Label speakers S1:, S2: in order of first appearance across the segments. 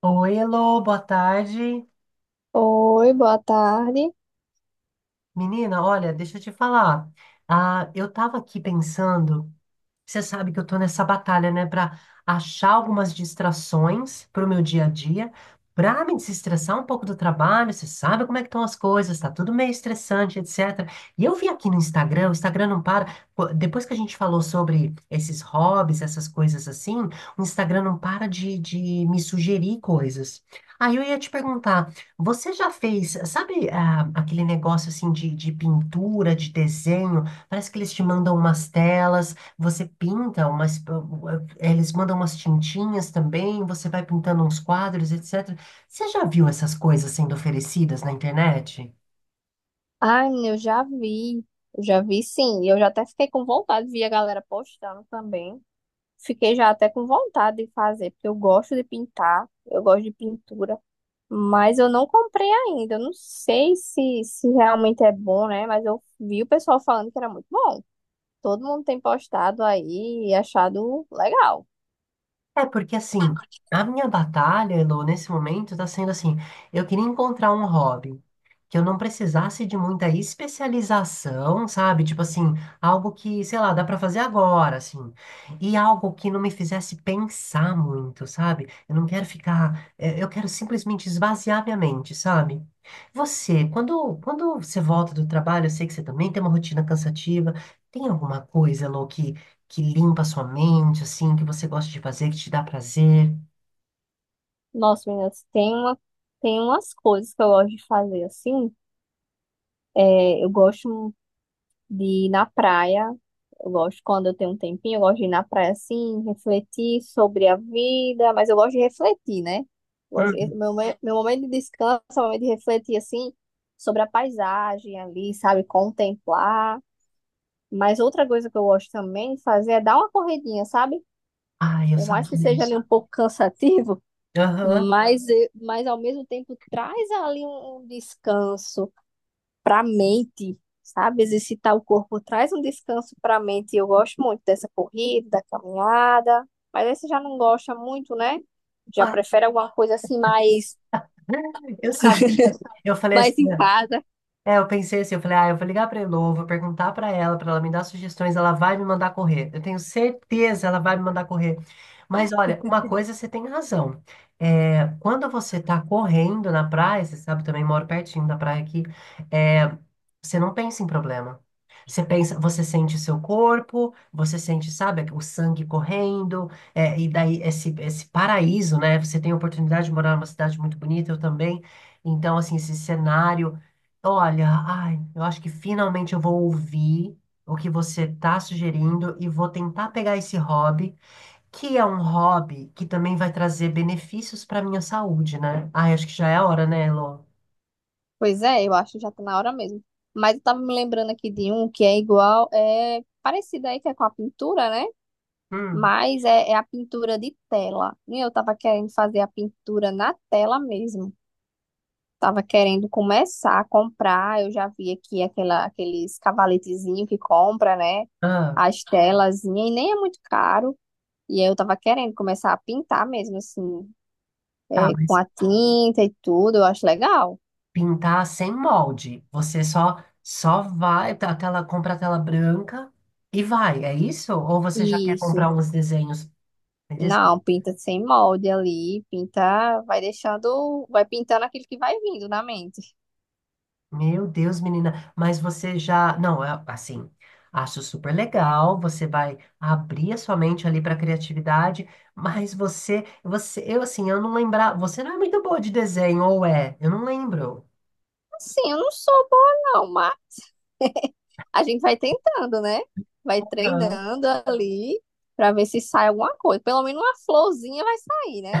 S1: Oi, Elô, boa tarde.
S2: Oi, boa tarde.
S1: Menina, olha, deixa eu te falar. Ah, eu tava aqui pensando. Você sabe que eu tô nessa batalha, né, para achar algumas distrações para o meu dia a dia, para me desestressar um pouco do trabalho. Você sabe como é que estão as coisas, tá tudo meio estressante, etc. E eu vi aqui no Instagram, o Instagram não para. Pô, depois que a gente falou sobre esses hobbies, essas coisas assim, o Instagram não para de me sugerir coisas. Aí eu ia te perguntar, você já fez, sabe, ah, aquele negócio assim de pintura, de desenho? Parece que eles te mandam umas telas. Você pinta umas. Eles mandam umas tintinhas também, você vai pintando uns quadros, etc. Você já viu essas coisas sendo oferecidas na internet?
S2: Ai, menina, eu já vi sim, e eu já até fiquei com vontade, vi a galera postando também. Fiquei já até com vontade de fazer, porque eu gosto de pintar, eu gosto de pintura, mas eu não comprei ainda. Eu não sei se realmente é bom, né? Mas eu vi o pessoal falando que era muito bom. Todo mundo tem postado aí e achado legal.
S1: É porque assim, a minha batalha, Elo, nesse momento tá sendo assim, eu queria encontrar um hobby que eu não precisasse de muita especialização, sabe? Tipo assim, algo que, sei lá, dá pra fazer agora, assim. E algo que não me fizesse pensar muito, sabe? Eu não quero ficar, é, eu quero simplesmente esvaziar minha mente, sabe? Você, quando você volta do trabalho, eu sei que você também tem uma rotina cansativa. Tem alguma coisa, Elo, que limpa a sua mente, assim, que você gosta de fazer, que te dá prazer?
S2: Nossa, meninas, tem umas coisas que eu gosto de fazer assim. É, eu gosto de ir na praia. Eu gosto quando eu tenho um tempinho, eu gosto de ir na praia assim, refletir sobre a vida, mas eu gosto de refletir, né? Eu Gosto de-
S1: Hum.
S2: meu, me- meu momento de descanso é o momento de refletir assim sobre a paisagem ali, sabe? Contemplar. Mas outra coisa que eu gosto também de fazer é dar uma corridinha, sabe?
S1: Ai, eu
S2: Por mais que
S1: sabia.
S2: seja ali um pouco cansativo,
S1: Aham.
S2: mas ao mesmo tempo traz ali um descanso para a mente, sabe? Exercitar o corpo traz um descanso para a mente. Eu gosto muito dessa corrida, da caminhada, mas aí você já não gosta muito, né? Já
S1: Ah,
S2: prefere alguma coisa assim mais,
S1: eu sabia. Eu falei assim.
S2: mais em casa.
S1: É, eu pensei assim, eu falei, ah, eu vou ligar pra Elô, vou perguntar pra ela me dar sugestões, ela vai me mandar correr. Eu tenho certeza, ela vai me mandar correr. Mas olha, uma coisa você tem razão. É, quando você tá correndo na praia, você sabe, eu também moro pertinho da praia aqui, é, você não pensa em problema. Você pensa, você sente o seu corpo, você sente, sabe, o sangue correndo, é, e daí esse paraíso, né? Você tem a oportunidade de morar numa cidade muito bonita, eu também. Então, assim, esse cenário. Olha, ai, eu acho que finalmente eu vou ouvir o que você está sugerindo e vou tentar pegar esse hobby, que é um hobby que também vai trazer benefícios para minha saúde, né? Ai, acho que já é a hora, né, Elô?
S2: Pois é, eu acho que já tá na hora mesmo. Mas eu tava me lembrando aqui de um que é igual, é parecido aí que é com a pintura, né?
S1: Hum,
S2: Mas é a pintura de tela. E eu tava querendo fazer a pintura na tela mesmo. Tava querendo começar a comprar. Eu já vi aqui aqueles cavaletezinhos que compra, né?
S1: ah,
S2: As telazinhas, e nem é muito caro. E aí eu tava querendo começar a pintar mesmo, assim,
S1: tá,
S2: com
S1: mas
S2: a tinta e tudo. Eu acho legal.
S1: pintar sem molde. Você só vai, tá, a tela, compra a tela branca e vai, é isso? Ou você já quer
S2: Isso.
S1: comprar uns desenhos?
S2: Não, pinta sem molde ali, pinta, vai deixando, vai pintando aquilo que vai vindo na mente.
S1: Meu Deus, menina, mas você já. Não, é assim, acho super legal. Você vai abrir a sua mente ali para criatividade, mas eu assim, eu não lembrar. Você não é muito boa de desenho, ou é? Eu não lembro.
S2: Assim, eu não sou boa não. A gente vai tentando, né? Vai treinando ali para ver se sai alguma coisa. Pelo menos uma florzinha vai sair, né?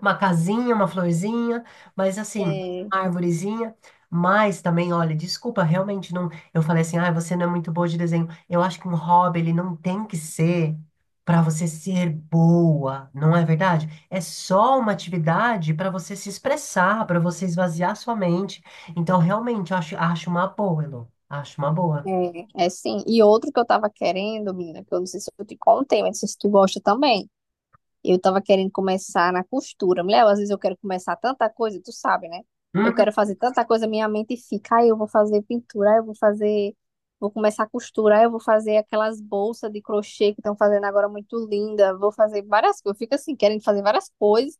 S1: Uma casinha, uma florzinha, mas assim,
S2: É,
S1: árvorezinha. Mas também, olha, desculpa, realmente não. Eu falei assim, ah, você não é muito boa de desenho. Eu acho que um hobby, ele não tem que ser para você ser boa, não é verdade? É só uma atividade para você se expressar, para você esvaziar sua mente. Então, realmente, eu acho, acho uma boa, Elô. Acho uma boa.
S2: é sim. E outro que eu tava querendo, menina, que eu não sei se eu te contei, mas não sei se tu gosta também. Eu tava querendo começar na costura. Mulher, às vezes eu quero começar tanta coisa, tu sabe, né? Eu
S1: Uhum.
S2: quero fazer tanta coisa, minha mente fica, ah, eu vou fazer pintura, vou começar a costura, ah, eu vou fazer aquelas bolsas de crochê que estão fazendo agora muito linda, vou fazer várias coisas. Eu fico assim, querendo fazer várias coisas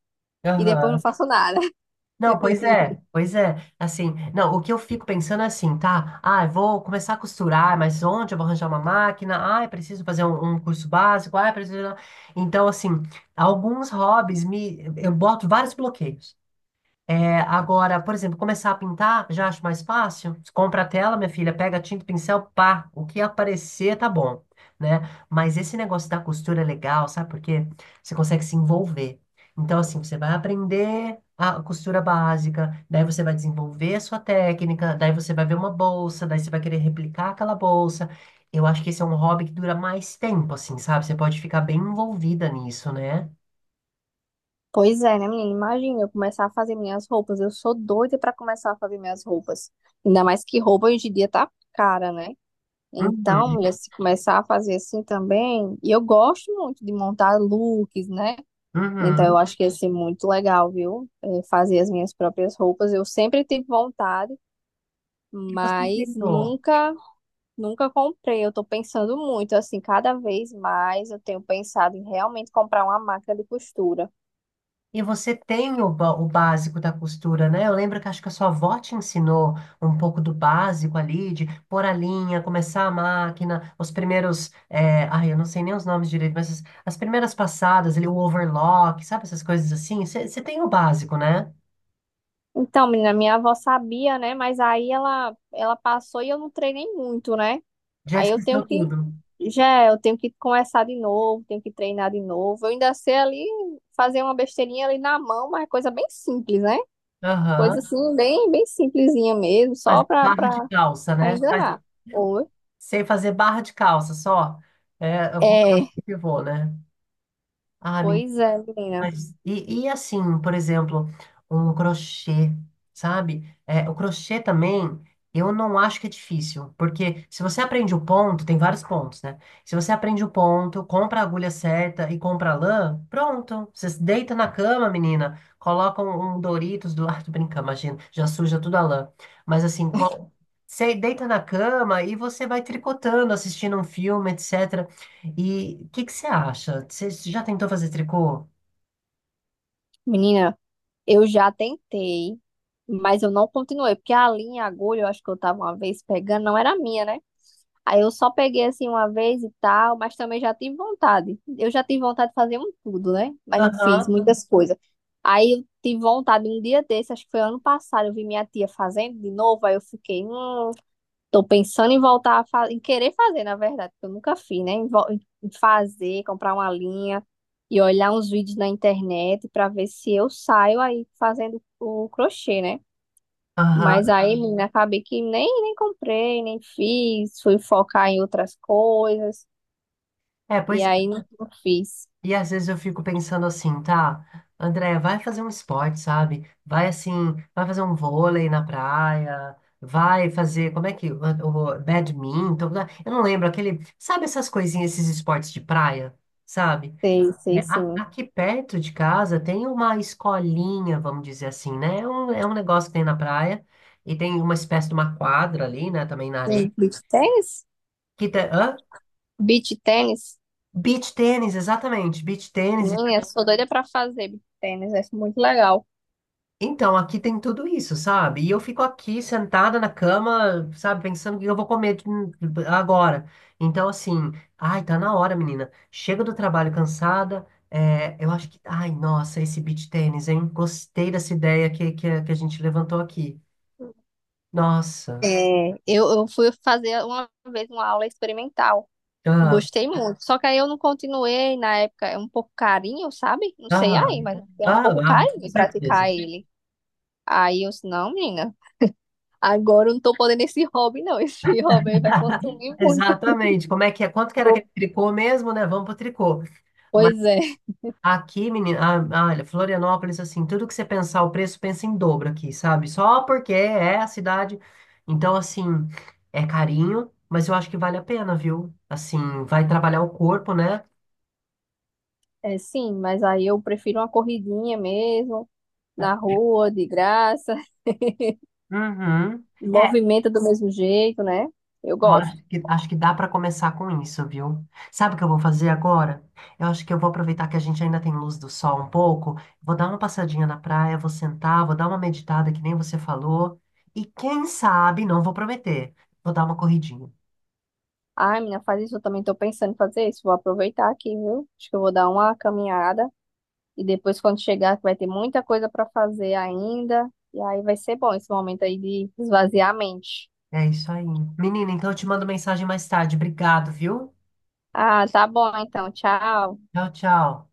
S2: e depois não
S1: Aham.
S2: faço nada.
S1: Não, pois é, pois é. Assim, não, o que eu fico pensando é assim, tá? Ah, eu vou começar a costurar, mas onde eu vou arranjar uma máquina? Ah, eu preciso fazer um curso básico. Ah, eu preciso. Então, assim, alguns hobbies me, eu boto vários bloqueios. É, agora, por exemplo, começar a pintar, já acho mais fácil. Você compra a tela, minha filha, pega tinta, pincel, pá, o que aparecer tá bom, né? Mas esse negócio da costura é legal, sabe por quê? Você consegue se envolver. Então, assim, você vai aprender a costura básica, daí você vai desenvolver a sua técnica, daí você vai ver uma bolsa, daí você vai querer replicar aquela bolsa. Eu acho que esse é um hobby que dura mais tempo, assim, sabe? Você pode ficar bem envolvida nisso, né?
S2: Pois é, né, menina? Imagina eu começar a fazer minhas roupas. Eu sou doida pra começar a fazer minhas roupas. Ainda mais que roupa hoje em dia tá cara, né? Então,
S1: Uhum,
S2: mulher, se começar a fazer assim também, e eu gosto muito de montar looks, né? Então, eu
S1: uhum.
S2: acho que ia ser muito legal, viu? É, fazer as minhas próprias roupas. Eu sempre tive vontade,
S1: E você
S2: mas
S1: tentou?
S2: nunca, nunca comprei. Eu tô pensando muito, assim, cada vez mais eu tenho pensado em realmente comprar uma máquina de costura.
S1: E você tem o, ba- o básico da costura, né? Eu lembro que acho que a sua avó te ensinou um pouco do básico ali, de pôr a linha, começar a máquina, os primeiros. Ai, eu não sei nem os nomes direito, mas as primeiras passadas, ali, o overlock, sabe? Essas coisas assim. Você tem o básico, né?
S2: Então, menina, minha avó sabia, né? Mas aí ela passou e eu não treinei muito, né?
S1: Já
S2: Aí eu tenho
S1: esqueceu
S2: que
S1: tudo.
S2: Já, eu tenho que começar de novo, tenho que treinar de novo. Eu ainda sei ali fazer uma besteirinha ali na mão, mas é coisa bem simples, né? Coisa
S1: Aham.
S2: assim, bem simplesinha mesmo,
S1: Faz
S2: só
S1: barra de calça,
S2: pra
S1: né? Faz-
S2: enganar. Ou-
S1: sei fazer barra de calça só. É,
S2: É,
S1: eu vou, né? Ah,
S2: pois é, menina.
S1: mas, e assim, por exemplo, um crochê, sabe? É, o crochê também, eu não acho que é difícil, porque se você aprende o ponto, tem vários pontos, né? Se você aprende o ponto, compra a agulha certa e compra a lã, pronto. Você se deita na cama, menina, coloca um Doritos do lado, brinca, imagina, já suja tudo a lã. Mas assim, co- você deita na cama e você vai tricotando, assistindo um filme, etc. E o que que você acha? Você já tentou fazer tricô?
S2: Menina, eu já tentei, mas eu não continuei, porque a linha, agulha, eu acho que eu tava uma vez pegando, não era minha, né? Aí eu só peguei assim uma vez e tal, mas também já tive vontade. Eu já tive vontade de fazer um tudo, né? Mas não fiz
S1: Aham,
S2: muitas coisas. Aí eu tive vontade um dia desse, acho que foi ano passado, eu vi minha tia fazendo de novo, aí eu fiquei, tô pensando em voltar a fazer, em querer fazer, na verdade, porque eu nunca fiz, né? Em fazer, comprar uma linha e olhar uns vídeos na internet pra ver se eu saio aí fazendo o crochê, né? Mas
S1: aham.
S2: aí, ah, menina, acabei que nem comprei, nem fiz, fui focar em outras coisas,
S1: É,
S2: e
S1: pois,
S2: aí
S1: é.
S2: não fiz.
S1: E às vezes eu fico pensando assim, tá, André, vai fazer um esporte, sabe? Vai assim, vai fazer um vôlei na praia, vai fazer, como é que, o badminton, né? Eu não lembro, aquele, sabe essas coisinhas, esses esportes de praia, sabe?
S2: Sei,
S1: É,
S2: sei
S1: a-
S2: sim.
S1: aqui perto de casa tem uma escolinha, vamos dizer assim, né? É um negócio que tem na praia, e tem uma espécie de uma quadra ali, né, também na areia,
S2: Sim, beach tênis?
S1: que tem, hã?
S2: Beach tênis?
S1: Beach tênis, exatamente. Beach tênis.
S2: Minha, sou doida pra fazer beach tênis, é muito legal.
S1: Então, aqui tem tudo isso, sabe? E eu fico aqui sentada na cama, sabe, pensando o que eu vou comer agora. Então, assim, ai, tá na hora, menina. Chega do trabalho cansada. É, eu acho que. Ai, nossa, esse beach tênis, hein? Gostei dessa ideia a que a gente levantou aqui. Nossa.
S2: É, eu fui fazer uma vez uma aula experimental,
S1: Ah,
S2: gostei muito, só que aí eu não continuei na época, é um pouco carinho, sabe? Não sei
S1: ah,
S2: aí, mas é um
S1: ah,
S2: pouco
S1: ah, com
S2: carinho
S1: certeza.
S2: praticar ele. Aí eu disse, não, menina. Agora eu não tô podendo esse hobby, não. Esse hobby aí vai consumir muito.
S1: Exatamente. Como é que é? Quanto que era aquele
S2: Vou-
S1: tricô mesmo, né? Vamos pro tricô.
S2: Pois é.
S1: Aqui, menina, ah, ah, olha, Florianópolis, assim, tudo que você pensar o preço, pensa em dobro aqui, sabe? Só porque é a cidade. Então, assim, é carinho, mas eu acho que vale a pena, viu? Assim, vai trabalhar o corpo, né?
S2: É, sim, mas aí eu prefiro uma corridinha mesmo, na rua, de graça,
S1: Uhum. É,
S2: movimenta do mesmo jeito, né? Eu
S1: eu
S2: gosto.
S1: acho que dá para começar com isso, viu? Sabe o que eu vou fazer agora? Eu acho que eu vou aproveitar que a gente ainda tem luz do sol um pouco, vou dar uma passadinha na praia, vou sentar, vou dar uma meditada, que nem você falou, e quem sabe, não vou prometer, vou dar uma corridinha.
S2: Ai, menina, faz isso, eu também tô pensando em fazer isso. Vou aproveitar aqui, viu? Acho que eu vou dar uma caminhada e depois quando chegar que vai ter muita coisa pra fazer ainda. E aí vai ser bom esse momento aí de esvaziar a mente.
S1: É isso aí. Menina, então eu te mando mensagem mais tarde. Obrigado, viu?
S2: Ah, tá bom então. Tchau.
S1: Tchau, tchau.